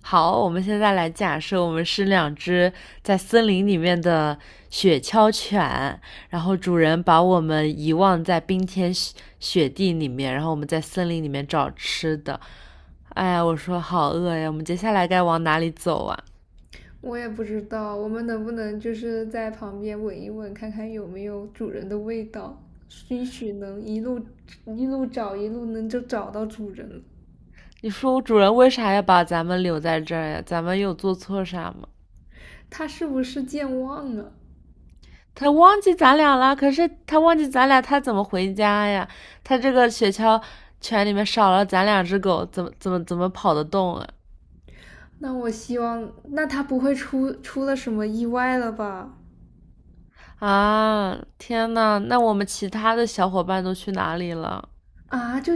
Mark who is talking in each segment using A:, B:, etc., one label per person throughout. A: 好，我们现在来假设我们是两只在森林里面的雪橇犬，然后主人把我们遗忘在冰天雪雪地里面，然后我们在森林里面找吃的。哎呀，我说好饿呀，我们接下来该往哪里走啊？
B: 我也不知道，我们能不能就是在旁边闻一闻，看看有没有主人的味道，兴许能一路一路找，一路能就找到主人了。
A: 你说主人为啥要把咱们留在这儿呀？咱们有做错啥吗？
B: 他是不是健忘了？
A: 他忘记咱俩了，可是他忘记咱俩，他怎么回家呀？他这个雪橇犬里面少了咱两只狗，怎么跑得动啊？
B: 那我希望，那他不会出了什么意外了吧？
A: 啊，天呐，那我们其他的小伙伴都去哪里了？
B: 啊，就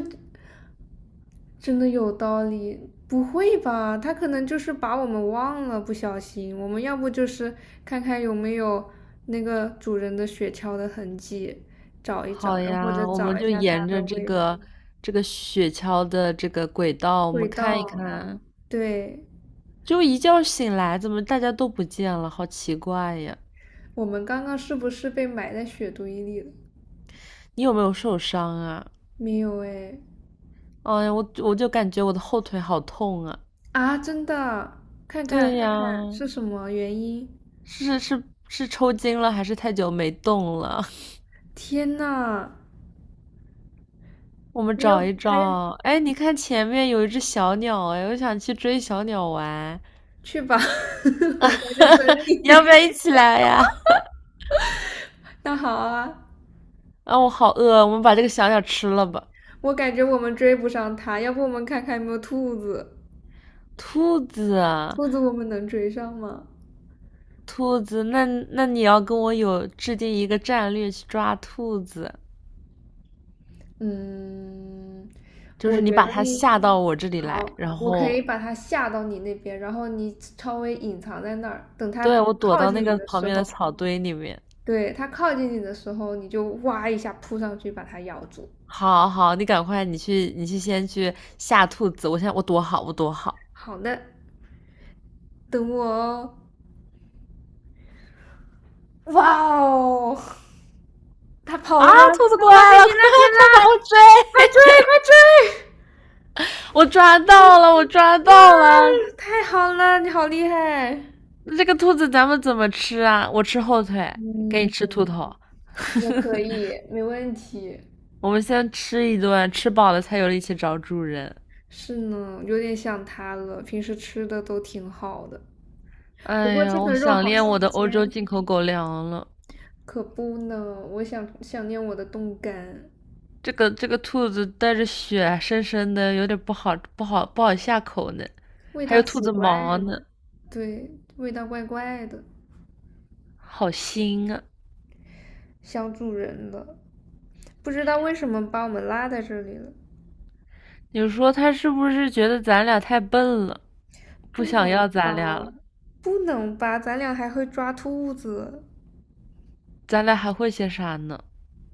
B: 真的有道理。不会吧？他可能就是把我们忘了，不小心。我们要不就是看看有没有那个主人的雪橇的痕迹，找一
A: 好
B: 找，然后或者
A: 呀，我们
B: 找一
A: 就
B: 下它
A: 沿
B: 的
A: 着这
B: 味道。
A: 个这个雪橇的这个轨道，我
B: 味
A: 们看一
B: 道，
A: 看。
B: 对，
A: 就一觉醒来，怎么大家都不见了？好奇怪呀！
B: 我们刚刚是不是被埋在雪堆里了？
A: 你有没有受伤啊？
B: 没有哎。
A: 哎呀，我就感觉我的后腿好痛啊！
B: 啊，真的，看看
A: 对
B: 看
A: 呀，
B: 看是什么原因？
A: 是抽筋了，还是太久没动了？
B: 天呐，
A: 我们
B: 你有
A: 找一
B: 还
A: 找。哎，你看前面有一只小鸟，哎，我想去追小鸟玩。
B: 去吧，我在这等
A: 你要
B: 你。
A: 不要一起来呀？
B: 那好啊。
A: 啊，我好饿，我们把这个小鸟吃了吧。
B: 我感觉我们追不上它，要不我们看看有没有兔子？
A: 兔子啊，
B: 兔子我们能追上吗？
A: 兔子，那你要跟我有制定一个战略去抓兔子，
B: 嗯，
A: 就
B: 我
A: 是你
B: 觉
A: 把
B: 得
A: 它
B: 你
A: 吓到我这里来，
B: 好，
A: 然
B: 我可
A: 后
B: 以把它吓到你那边，然后你稍微隐藏在那儿，等它
A: 对我躲
B: 靠
A: 到那
B: 近你
A: 个
B: 的
A: 旁
B: 时
A: 边的
B: 候，
A: 草堆里面。
B: 对，它靠近你的时候，你就哇一下扑上去把它咬住。
A: 好好，你赶快，你去，你去先去吓兔子。我现在我躲好，我躲好。
B: 好的，等我哦。哇哦，它跑
A: 啊！
B: 了吗？
A: 兔子
B: 它
A: 过
B: 跑去
A: 来了，
B: 你
A: 快
B: 那边
A: 快把
B: 啦！
A: 我追！
B: 快追，快追！
A: 我抓到了，我抓
B: 哇，
A: 到了！
B: 太好了，你好厉害！
A: 那这个兔子咱们怎么吃啊？我吃后腿，给你
B: 嗯，
A: 吃兔头。
B: 也可以，没问题。
A: 我们先吃一顿，吃饱了才有力气找主人。
B: 是呢，有点想他了。平时吃的都挺好的，不
A: 哎
B: 过这
A: 呀，
B: 个
A: 我
B: 肉
A: 想
B: 好
A: 念
B: 新
A: 我的欧洲
B: 鲜。
A: 进口狗粮了。
B: 可不呢。我想念我的冻干，
A: 这个兔子带着血，深深的，有点不好下口呢。
B: 味
A: 还
B: 道
A: 有兔
B: 奇
A: 子
B: 怪
A: 毛呢，
B: 的。对，味道怪怪的。
A: 好腥啊！
B: 想主人了。不知道为什么把我们拉在这里了。
A: 你说它是不是觉得咱俩太笨了，不
B: 不
A: 想
B: 能
A: 要咱俩
B: 吧？
A: 了？
B: 不能吧？咱俩还会抓兔子。
A: 咱俩还会些啥呢？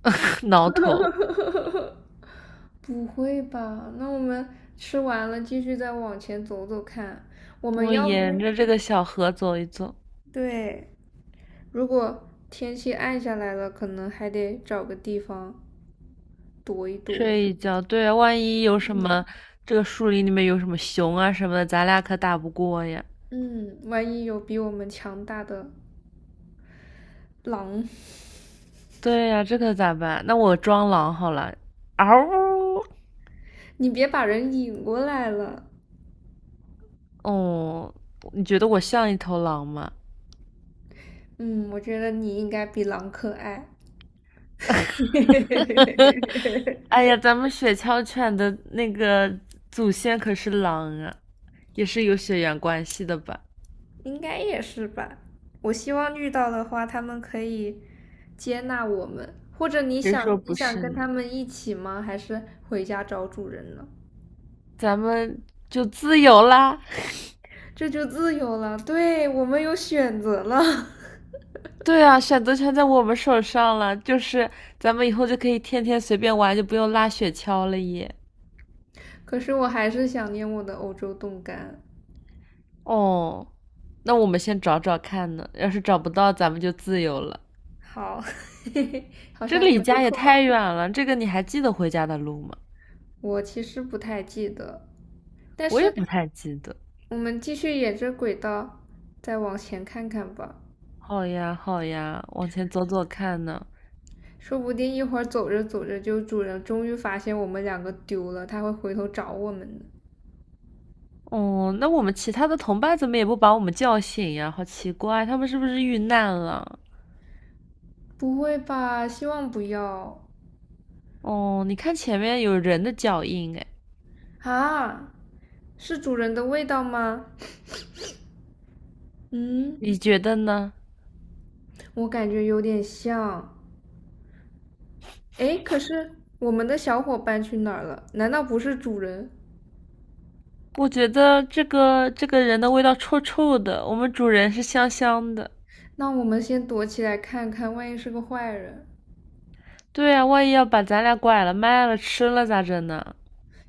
A: 挠头。
B: 不会吧？那我们吃完了，继续再往前走走看。我
A: 我
B: 们
A: 们
B: 要
A: 沿
B: 不，
A: 着这个小河走一走，
B: 对，如果天气暗下来了，可能还得找个地方躲一躲。
A: 睡一觉，对啊，万一有什么，这个树林里面有什么熊啊什么的，咱俩可打不过呀。
B: 嗯，万一有比我们强大的狼。
A: 对呀，这可咋办？那我装狼好了。嗷呜！
B: 你别把人引过来了。
A: 哦，你觉得我像一头狼吗？
B: 嗯，我觉得你应该比狼可爱。
A: 哎呀，咱们雪橇犬的那个祖先可是狼啊，也是有血缘关系的吧？
B: 应该也是吧。我希望遇到的话，他们可以接纳我们，或者你
A: 谁说
B: 想你
A: 不
B: 想
A: 是
B: 跟
A: 呢？
B: 他们一起吗？还是回家找主人呢？
A: 咱们就自由啦！
B: 这就自由了，对，我们有选择了。
A: 对啊，选择权在我们手上了，就是咱们以后就可以天天随便玩，就不用拉雪橇了耶。
B: 可是我还是想念我的欧洲冻干。
A: 哦，那我们先找找看呢，要是找不到，咱们就自由了。
B: 好，嘿嘿，好
A: 这
B: 像也
A: 离
B: 不
A: 家也太
B: 错。
A: 远了，这个你还记得回家的路吗？
B: 我其实不太记得，但
A: 我也
B: 是
A: 不太记得。
B: 我们继续沿着轨道再往前看看吧。
A: 好呀，好呀，往前走走看呢。
B: 说不定一会儿走着走着，就主人终于发现我们两个丢了，他会回头找我们的。
A: 哦，那我们其他的同伴怎么也不把我们叫醒呀？好奇怪，他们是不是遇难了？
B: 不会吧？希望不要。
A: 哦，你看前面有人的脚印，哎，
B: 啊！是主人的味道吗？嗯，
A: 你觉得呢？
B: 我感觉有点像。哎，可是我们的小伙伴去哪儿了？难道不是主人？
A: 我觉得这个人的味道臭臭的，我们主人是香香的。
B: 那我们先躲起来看看，万一是个坏人。
A: 对啊，万一要把咱俩拐了、卖了、吃了咋整呢？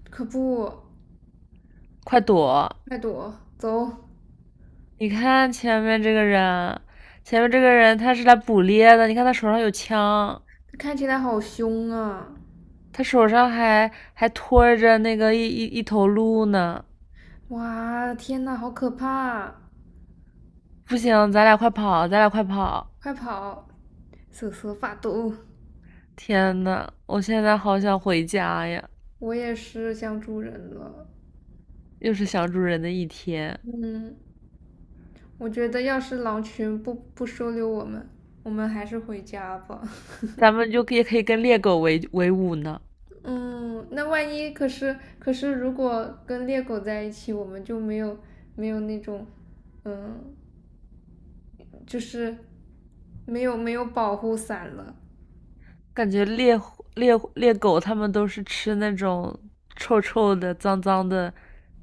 B: 可不，
A: 快躲！
B: 快躲，走！
A: 你看前面这个人，前面这个人他是来捕猎的，你看他手上有枪，
B: 看起来好凶啊！
A: 他手上还拖着那个一头鹿呢。
B: 哇，天呐，好可怕啊！
A: 不行，咱俩快跑，咱俩快跑！
B: 快跑！瑟瑟发抖。
A: 天呐，我现在好想回家呀！
B: 我也是想主人了。
A: 又是想主人的一天，
B: 嗯，我觉得要是狼群不收留我们，我们还是回家吧。
A: 咱们就也可以跟猎狗为伍呢。
B: 嗯，那万一可是，如果跟猎狗在一起，我们就没有那种，嗯，就是没有保护伞了。
A: 感觉猎狗它们都是吃那种臭臭的、脏脏的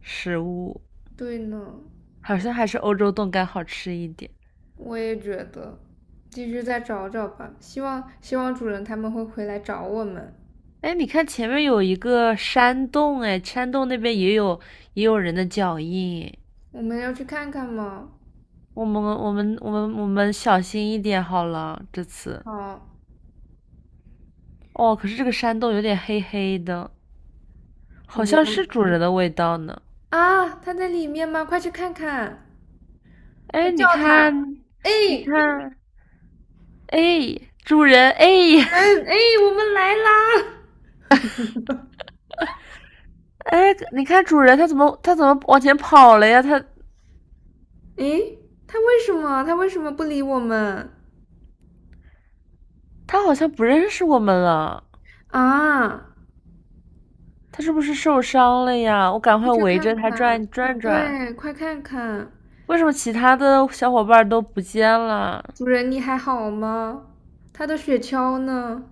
A: 食物，
B: 对呢，
A: 好像还是欧洲冻干好吃一点。
B: 我也觉得，继续再找找吧。希望主人他们会回来找我们。
A: 哎，你看前面有一个山洞，哎，山洞那边也有人的脚印。
B: 我们要去看看吗？
A: 我们小心一点好了，这次。
B: 好，
A: 哦，可是这个山洞有点黑黑的，
B: 我
A: 好
B: 们有
A: 像
B: 关
A: 是主人的味道呢。
B: 啊，他在里面吗？快去看看，快
A: 哎，
B: 叫
A: 你
B: 他！
A: 看，
B: 哎，
A: 你看，哎，主人，哎，
B: 主人，哎，我们来啦！
A: 哎，你看主人他怎么往前跑了呀？他
B: 哎，他为什么不理我们
A: 他好像不认识我们了，
B: 啊？
A: 他是不是受伤了呀？我赶
B: 快
A: 快
B: 去
A: 围
B: 看
A: 着他
B: 看，
A: 转转转。
B: 对，快看看，
A: 为什么其他的小伙伴都不见了？
B: 主人你还好吗？他的雪橇呢？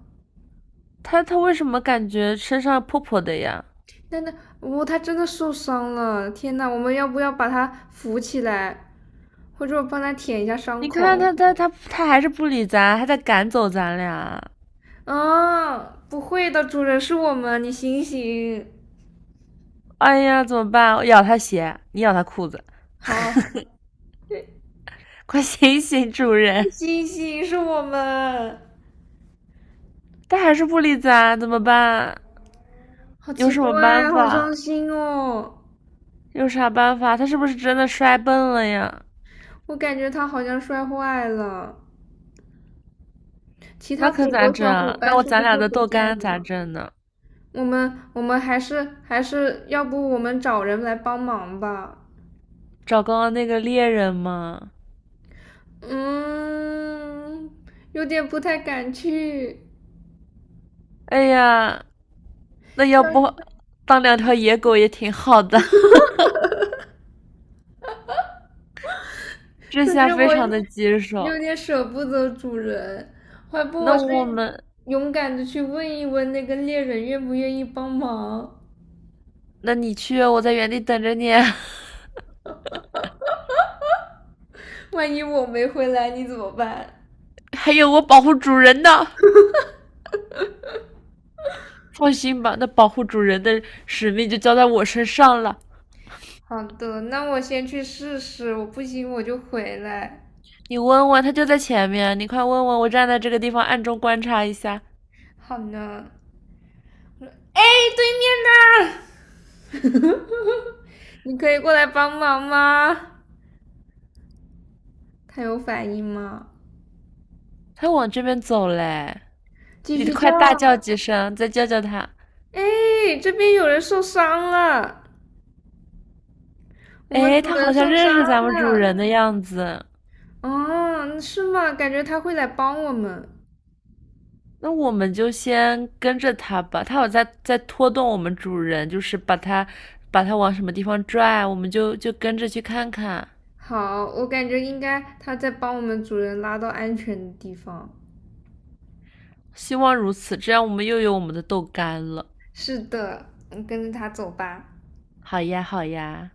A: 他他为什么感觉身上破破的呀？
B: 但那哦，他真的受伤了！天呐，我们要不要把他扶起来，或者我帮他舔一下伤
A: 你看
B: 口？
A: 他还是不理咱，还在赶走咱俩。
B: 啊，不会的，主人是我们，你醒醒。
A: 哎呀，怎么办？我咬他鞋，你咬他裤子，
B: 好，
A: 快醒醒，主人！
B: 醒醒，是我们。
A: 他还是不理咱，怎么办？
B: 好
A: 有
B: 奇
A: 什么办
B: 怪，好
A: 法？
B: 伤心哦。
A: 有啥办法？他是不是真的摔笨了呀？
B: 我感觉它好像摔坏了。其
A: 那
B: 他
A: 可
B: 狗
A: 咋
B: 狗
A: 整
B: 小伙
A: 啊？
B: 伴
A: 那我
B: 是
A: 咱
B: 不
A: 俩
B: 是
A: 的
B: 不
A: 豆
B: 见
A: 干咋
B: 了？
A: 整呢？
B: 我们我们还是要不我们找人来帮忙吧？
A: 找刚刚那个猎人吗？
B: 嗯，有点不太敢去。
A: 哎呀，那要不当两条野狗也挺好的。这
B: 可
A: 下
B: 是
A: 非
B: 我
A: 常的棘
B: 有
A: 手。
B: 点舍不得主人，要不
A: 那
B: 我是
A: 我们，
B: 勇敢的去问一问那个猎人愿不愿意帮忙，
A: 那你去，我在原地等着你啊。
B: 万一我没回来，你怎么办？
A: 还有我保护主人呢。放心吧，那保护主人的使命就交在我身上了。
B: 好的，那我先去试试，我不行我就回来。
A: 你问问，他就在前面，你快问问，我站在这个地方暗中观察一下。
B: 好呢。哎，对面呢？你可以过来帮忙吗？他有反应吗？
A: 他往这边走嘞，
B: 继
A: 你
B: 续叫。
A: 快大叫几声，再叫叫它。
B: 哎，这边有人受伤了，我们
A: 哎，
B: 主
A: 它
B: 人
A: 好
B: 受
A: 像
B: 伤
A: 认识咱们主人
B: 了。
A: 的样子，
B: 哦，是吗？感觉他会来帮我们。
A: 那我们就先跟着它吧。它有在拖动我们主人，就是把它往什么地方拽，我们就跟着去看看。
B: 好，我感觉应该他在帮我们主人拉到安全的地方。
A: 希望如此，这样我们又有我们的豆干了。
B: 是的，我们跟着他走吧。
A: 好呀，好呀。